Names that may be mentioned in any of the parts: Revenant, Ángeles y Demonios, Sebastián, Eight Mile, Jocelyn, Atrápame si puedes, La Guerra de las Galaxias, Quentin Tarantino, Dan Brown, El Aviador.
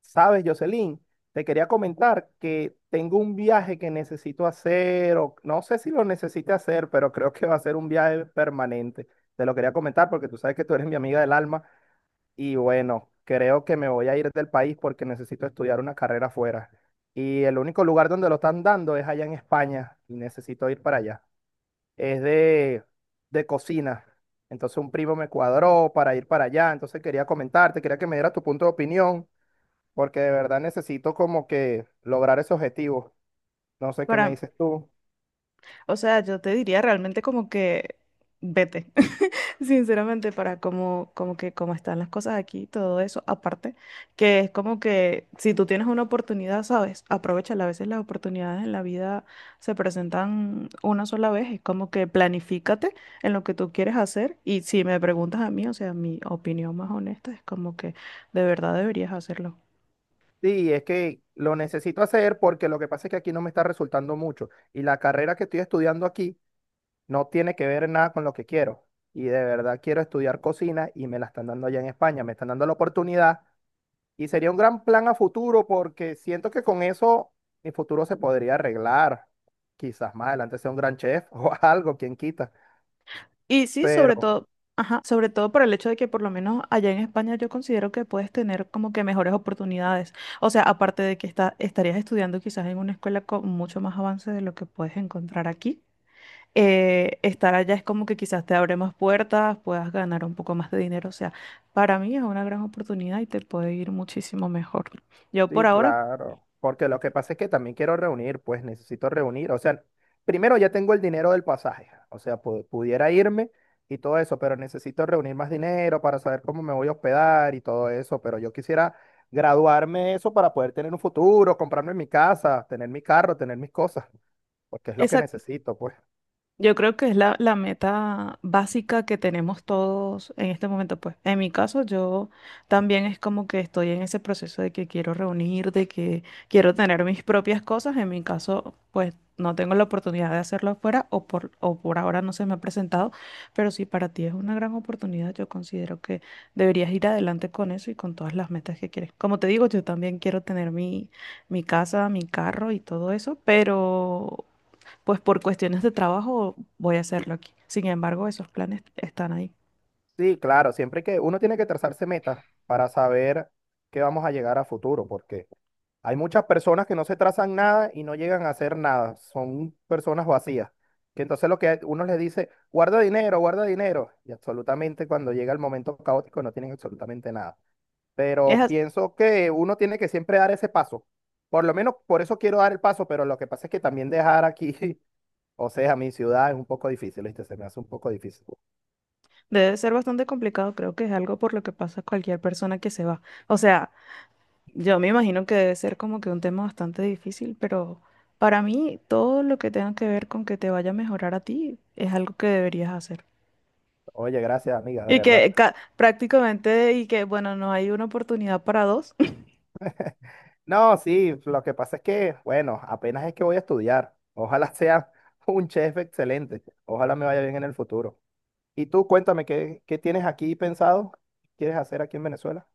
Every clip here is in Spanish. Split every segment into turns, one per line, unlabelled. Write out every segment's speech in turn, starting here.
Sabes, Jocelyn, te quería comentar que tengo un viaje que necesito hacer, o no sé si lo necesite hacer, pero creo que va a ser un viaje permanente. Te lo quería comentar porque tú sabes que tú eres mi amiga del alma y bueno, creo que me voy a ir del país porque necesito estudiar una carrera afuera. Y el único lugar donde lo están dando es allá en España y necesito ir para allá. Es de, de cocina. Entonces un primo me cuadró para ir para allá, entonces quería comentarte, quería que me diera tu punto de opinión porque de verdad necesito como que lograr ese objetivo. No sé qué me
Para,
dices tú.
o sea, yo te diría realmente como que vete, sinceramente, para como como que cómo están las cosas aquí, todo eso, aparte, que es como que si tú tienes una oportunidad, sabes, aprovechala. A veces las oportunidades en la vida se presentan una sola vez, es como que planifícate en lo que tú quieres hacer y si me preguntas a mí, o sea, mi opinión más honesta es como que de verdad deberías hacerlo.
Sí, es que lo necesito hacer porque lo que pasa es que aquí no me está resultando mucho y la carrera que estoy estudiando aquí no tiene que ver nada con lo que quiero. Y de verdad quiero estudiar cocina y me la están dando allá en España, me están dando la oportunidad y sería un gran plan a futuro porque siento que con eso mi futuro se podría arreglar. Quizás más adelante sea un gran chef o algo, quien quita.
Y sí, sobre
Pero
todo, ajá, sobre todo por el hecho de que por lo menos allá en España yo considero que puedes tener como que mejores oportunidades. O sea, aparte de que está, estarías estudiando quizás en una escuela con mucho más avance de lo que puedes encontrar aquí. Estar allá es como que quizás te abre más puertas, puedas ganar un poco más de dinero. O sea, para mí es una gran oportunidad y te puede ir muchísimo mejor. Yo por
sí,
ahora,
claro, porque lo que pasa es que también quiero reunir, pues necesito reunir, o sea, primero ya tengo el dinero del pasaje, o sea, pudiera irme y todo eso, pero necesito reunir más dinero para saber cómo me voy a hospedar y todo eso, pero yo quisiera graduarme eso para poder tener un futuro, comprarme mi casa, tener mi carro, tener mis cosas, porque es lo que necesito, pues.
yo creo que es la meta básica que tenemos todos en este momento, pues. En mi caso, yo también es como que estoy en ese proceso de que quiero reunir, de que quiero tener mis propias cosas. En mi caso, pues no tengo la oportunidad de hacerlo afuera o por ahora no se me ha presentado, pero si para ti es una gran oportunidad, yo considero que deberías ir adelante con eso y con todas las metas que quieres. Como te digo, yo también quiero tener mi casa, mi carro y todo eso, pero pues por cuestiones de trabajo voy a hacerlo aquí. Sin embargo, esos planes están ahí.
Sí, claro, siempre que uno tiene que trazarse metas para saber que vamos a llegar a futuro, porque hay muchas personas que no se trazan nada y no llegan a hacer nada. Son personas vacías. Que entonces lo que uno les dice, guarda dinero, guarda dinero. Y absolutamente cuando llega el momento caótico no tienen absolutamente nada.
Es,
Pero
as-
pienso que uno tiene que siempre dar ese paso. Por lo menos por eso quiero dar el paso, pero lo que pasa es que también dejar aquí, o sea, mi ciudad es un poco difícil, ¿viste? Se me hace un poco difícil.
Debe ser bastante complicado, creo que es algo por lo que pasa cualquier persona que se va. O sea, yo me imagino que debe ser como que un tema bastante difícil, pero para mí todo lo que tenga que ver con que te vaya a mejorar a ti es algo que deberías hacer.
Oye, gracias, amiga, de
Y
verdad.
que prácticamente, y que bueno, no hay una oportunidad para dos.
No, sí, lo que pasa es que, bueno, apenas es que voy a estudiar. Ojalá sea un chef excelente. Ojalá me vaya bien en el futuro. Y tú, cuéntame, ¿qué tienes aquí pensado? ¿Quieres hacer aquí en Venezuela?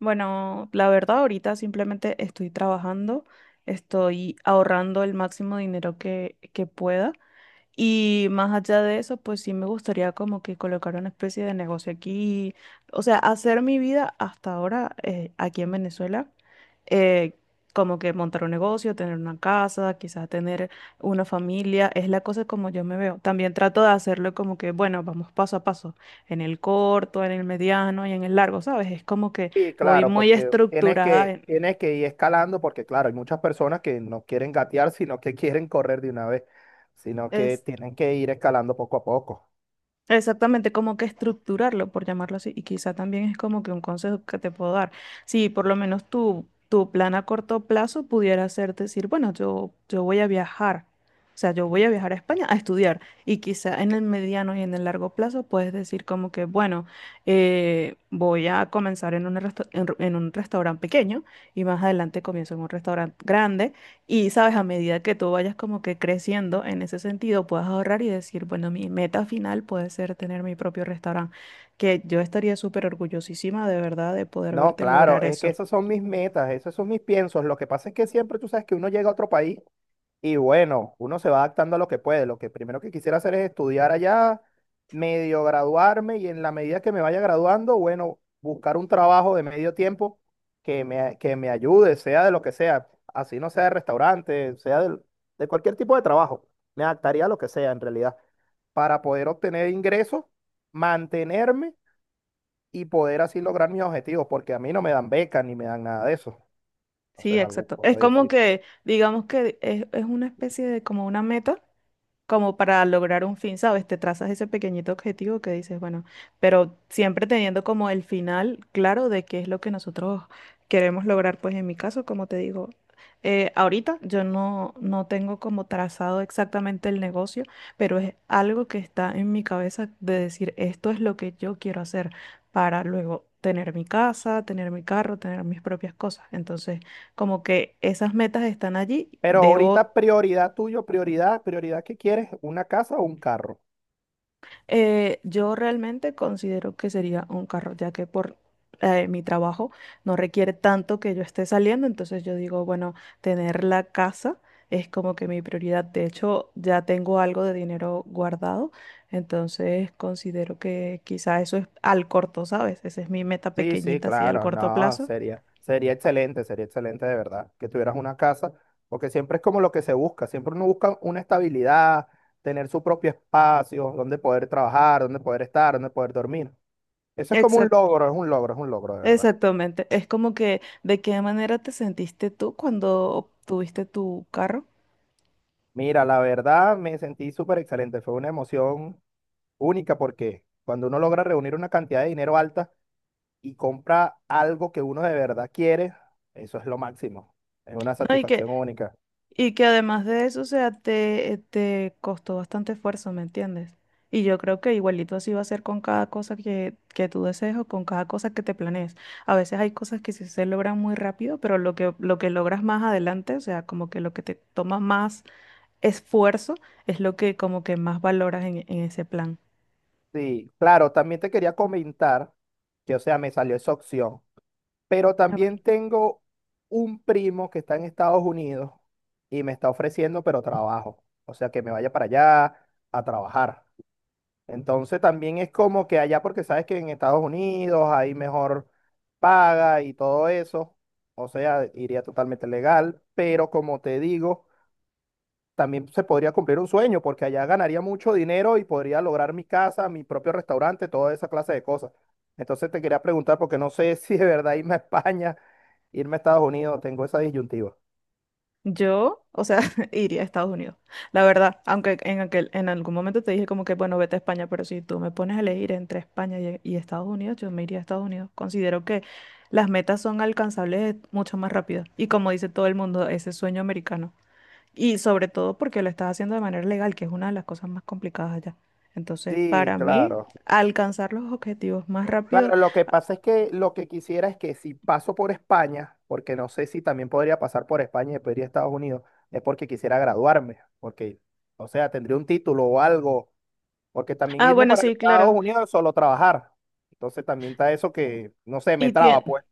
Bueno, la verdad, ahorita simplemente estoy trabajando, estoy ahorrando el máximo dinero que pueda y más allá de eso, pues sí me gustaría como que colocar una especie de negocio aquí, o sea, hacer mi vida hasta ahora aquí en Venezuela, eh, como que montar un negocio, tener una casa, quizás tener una familia, es la cosa como yo me veo. También trato de hacerlo como que, bueno, vamos paso a paso, en el corto, en el mediano y en el largo, ¿sabes? Es como que
Sí,
voy
claro,
muy
porque tienes
estructurada
que,
en...
tienes que ir escalando, porque claro, hay muchas personas que no quieren gatear, sino que quieren correr de una vez, sino que
Es-
tienen que ir escalando poco a poco.
Exactamente, como que estructurarlo, por llamarlo así, y quizá también es como que un consejo que te puedo dar. Si por lo menos tu plan a corto plazo pudiera ser decir, bueno, yo voy a viajar, o sea, yo voy a viajar a España a estudiar, y quizá en el mediano y en el largo plazo puedes decir como que, bueno, voy a comenzar en en un restaurante pequeño y más adelante comienzo en un restaurante grande. Y sabes, a medida que tú vayas como que creciendo en ese sentido, puedas ahorrar y decir, bueno, mi meta final puede ser tener mi propio restaurante, que yo estaría súper orgullosísima de verdad de poder
No,
verte
claro,
lograr
es que
eso.
esas son mis metas, esos son mis piensos. Lo que pasa es que siempre tú sabes que uno llega a otro país y bueno, uno se va adaptando a lo que puede. Lo que primero que quisiera hacer es estudiar allá, medio graduarme y en la medida que me vaya graduando, bueno, buscar un trabajo de medio tiempo que me ayude, sea de lo que sea, así no sea de restaurante, cualquier tipo de trabajo. Me adaptaría a lo que sea en realidad, para poder obtener ingresos, mantenerme y poder así lograr mis objetivos, porque a mí no me dan becas ni me dan nada de eso.
Sí,
Entonces es algo un
exacto. Es
poco
como
difícil.
que, digamos que es una especie de como una meta como para lograr un fin, ¿sabes? Te trazas ese pequeñito objetivo que dices, bueno, pero siempre teniendo como el final claro de qué es lo que nosotros queremos lograr, pues en mi caso, como te digo, ahorita yo no, no tengo como trazado exactamente el negocio, pero es algo que está en mi cabeza de decir, esto es lo que yo quiero hacer para luego tener mi casa, tener mi carro, tener mis propias cosas. Entonces, como que esas metas están allí,
Pero
debo...
ahorita prioridad tuyo, prioridad ¿qué quieres? ¿Una casa o un carro?
Yo realmente considero que sería un carro, ya que por mi trabajo no requiere tanto que yo esté saliendo, entonces yo digo, bueno, tener la casa es como que mi prioridad. De hecho, ya tengo algo de dinero guardado, entonces considero que quizá eso es al corto, ¿sabes? Esa es mi meta
Sí, sí,
pequeñita, así al
claro,
corto
no,
plazo.
sería, sería excelente de verdad que tuvieras una casa, porque siempre es como lo que se busca, siempre uno busca una estabilidad, tener su propio espacio, donde poder trabajar, donde poder estar, donde poder dormir. Eso es como un
Exacto.
logro, es un logro, es un logro de verdad.
Exactamente. Es como que, ¿de qué manera te sentiste tú cuando obtuviste tu carro?
Mira, la verdad me sentí súper excelente, fue una emoción única porque cuando uno logra reunir una cantidad de dinero alta, y compra algo que uno de verdad quiere, eso es lo máximo. Es una
No, y que...
satisfacción única.
Y que además de eso, o sea, te costó bastante esfuerzo, ¿me entiendes? Y yo creo que igualito así va a ser con cada cosa que tú desees o con cada cosa que te planees. A veces hay cosas que sí se logran muy rápido, pero lo que logras más adelante, o sea, como que lo que te toma más esfuerzo es lo que como que más valoras en ese plan.
Sí, claro, también te quería comentar que, o sea, me salió esa opción, pero también tengo un primo que está en Estados Unidos y me está ofreciendo, pero trabajo, o sea, que me vaya para allá a trabajar. Entonces también es como que allá, porque sabes que en Estados Unidos hay mejor paga y todo eso, o sea, iría totalmente legal, pero como te digo, también se podría cumplir un sueño, porque allá ganaría mucho dinero y podría lograr mi casa, mi propio restaurante, toda esa clase de cosas. Entonces te quería preguntar, porque no sé si de verdad irme a España, irme a Estados Unidos, tengo esa disyuntiva.
Yo, o sea, iría a Estados Unidos, la verdad, aunque en algún momento te dije como que, bueno, vete a España, pero si tú me pones a elegir entre España y Estados Unidos, yo me iría a Estados Unidos. Considero que las metas son alcanzables mucho más rápido y como dice todo el mundo, ese sueño americano. Y sobre todo porque lo estás haciendo de manera legal, que es una de las cosas más complicadas allá. Entonces,
Sí,
para mí,
claro.
alcanzar los objetivos más rápido.
Claro, lo que pasa es que lo que quisiera es que si paso por España, porque no sé si también podría pasar por España y después ir a Estados Unidos, es porque quisiera graduarme, porque, o sea, tendría un título o algo. Porque también
Ah,
irme
bueno,
para
sí,
Estados
claro.
Unidos es solo trabajar. Entonces también está eso que, no sé, me
Y
traba,
tiene...
pues.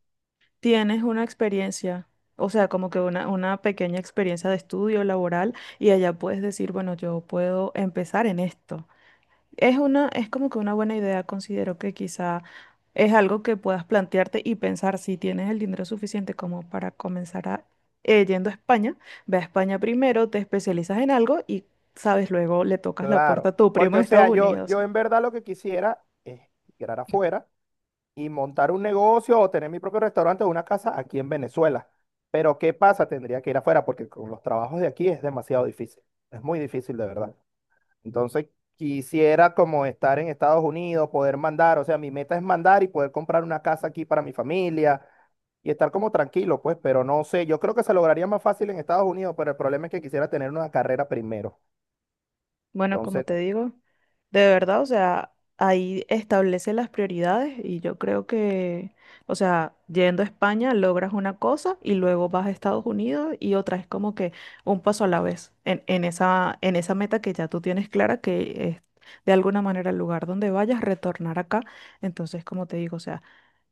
Tienes una experiencia, o sea, como que una pequeña experiencia de estudio laboral y allá puedes decir, bueno, yo puedo empezar en esto. Es una, es como que una buena idea, considero que quizá es algo que puedas plantearte y pensar si tienes el dinero suficiente como para comenzar a, yendo a España, ve a España primero, te especializas en algo y, sabes, luego le tocas la puerta
Claro.
a tu primo
Porque, o
en Estados
sea, yo,
Unidos.
yo en verdad lo que quisiera es migrar afuera y montar un negocio o tener mi propio restaurante o una casa aquí en Venezuela. Pero, ¿qué pasa? Tendría que ir afuera porque con los trabajos de aquí es demasiado difícil. Es muy difícil, de verdad. Entonces quisiera como estar en Estados Unidos, poder mandar, o sea, mi meta es mandar y poder comprar una casa aquí para mi familia y estar como tranquilo, pues, pero no sé, yo creo que se lograría más fácil en Estados Unidos, pero el problema es que quisiera tener una carrera primero.
Bueno, como
Entonces,
te digo, de verdad, o sea, ahí establece las prioridades y yo creo que, o sea, yendo a España logras una cosa y luego vas a Estados Unidos y otra es como que un paso a la vez en esa meta que ya tú tienes clara que es de alguna manera el lugar donde vayas, retornar acá. Entonces, como te digo, o sea,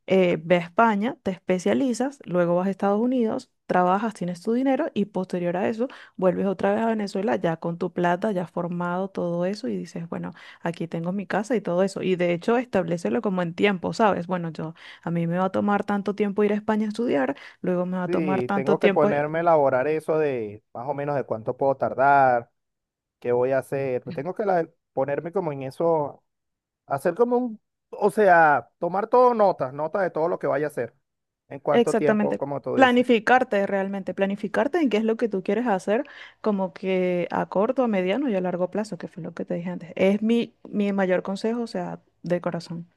ve a España, te especializas, luego vas a Estados Unidos, trabajas, tienes tu dinero y posterior a eso vuelves otra vez a Venezuela ya con tu plata, ya formado todo eso y dices, bueno, aquí tengo mi casa y todo eso. Y de hecho, establecelo como en tiempo, ¿sabes? Bueno, yo, a mí me va a tomar tanto tiempo ir a España a estudiar, luego me va a tomar
sí,
tanto
tengo que
tiempo...
ponerme a elaborar eso de más o menos de cuánto puedo tardar, qué voy a hacer, pues ponerme como en eso, hacer como un, o sea, tomar todo notas, notas de todo lo que vaya a hacer, en cuánto tiempo,
Exactamente.
como tú dices.
Planificarte realmente, planificarte en qué es lo que tú quieres hacer, como que a corto, a mediano y a largo plazo, que fue lo que te dije antes. Es mi mayor consejo, o sea, de corazón.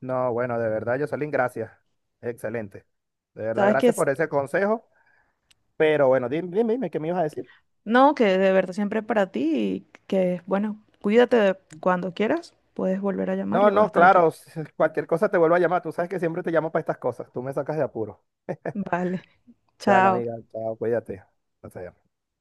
No, bueno, de verdad, Jocelyn, gracias. Excelente. De verdad,
Sabes que
gracias
es,
por ese consejo. Pero bueno, dime, ¿qué me ibas a decir?
no, que de verdad siempre para ti y que, bueno, cuídate cuando quieras, puedes volver a llamar,
No,
yo voy a
no,
estar aquí.
claro, cualquier cosa te vuelvo a llamar. Tú sabes que siempre te llamo para estas cosas. Tú me sacas de apuro.
Vale,
Dale, amiga,
chao.
chao, cuídate. Hasta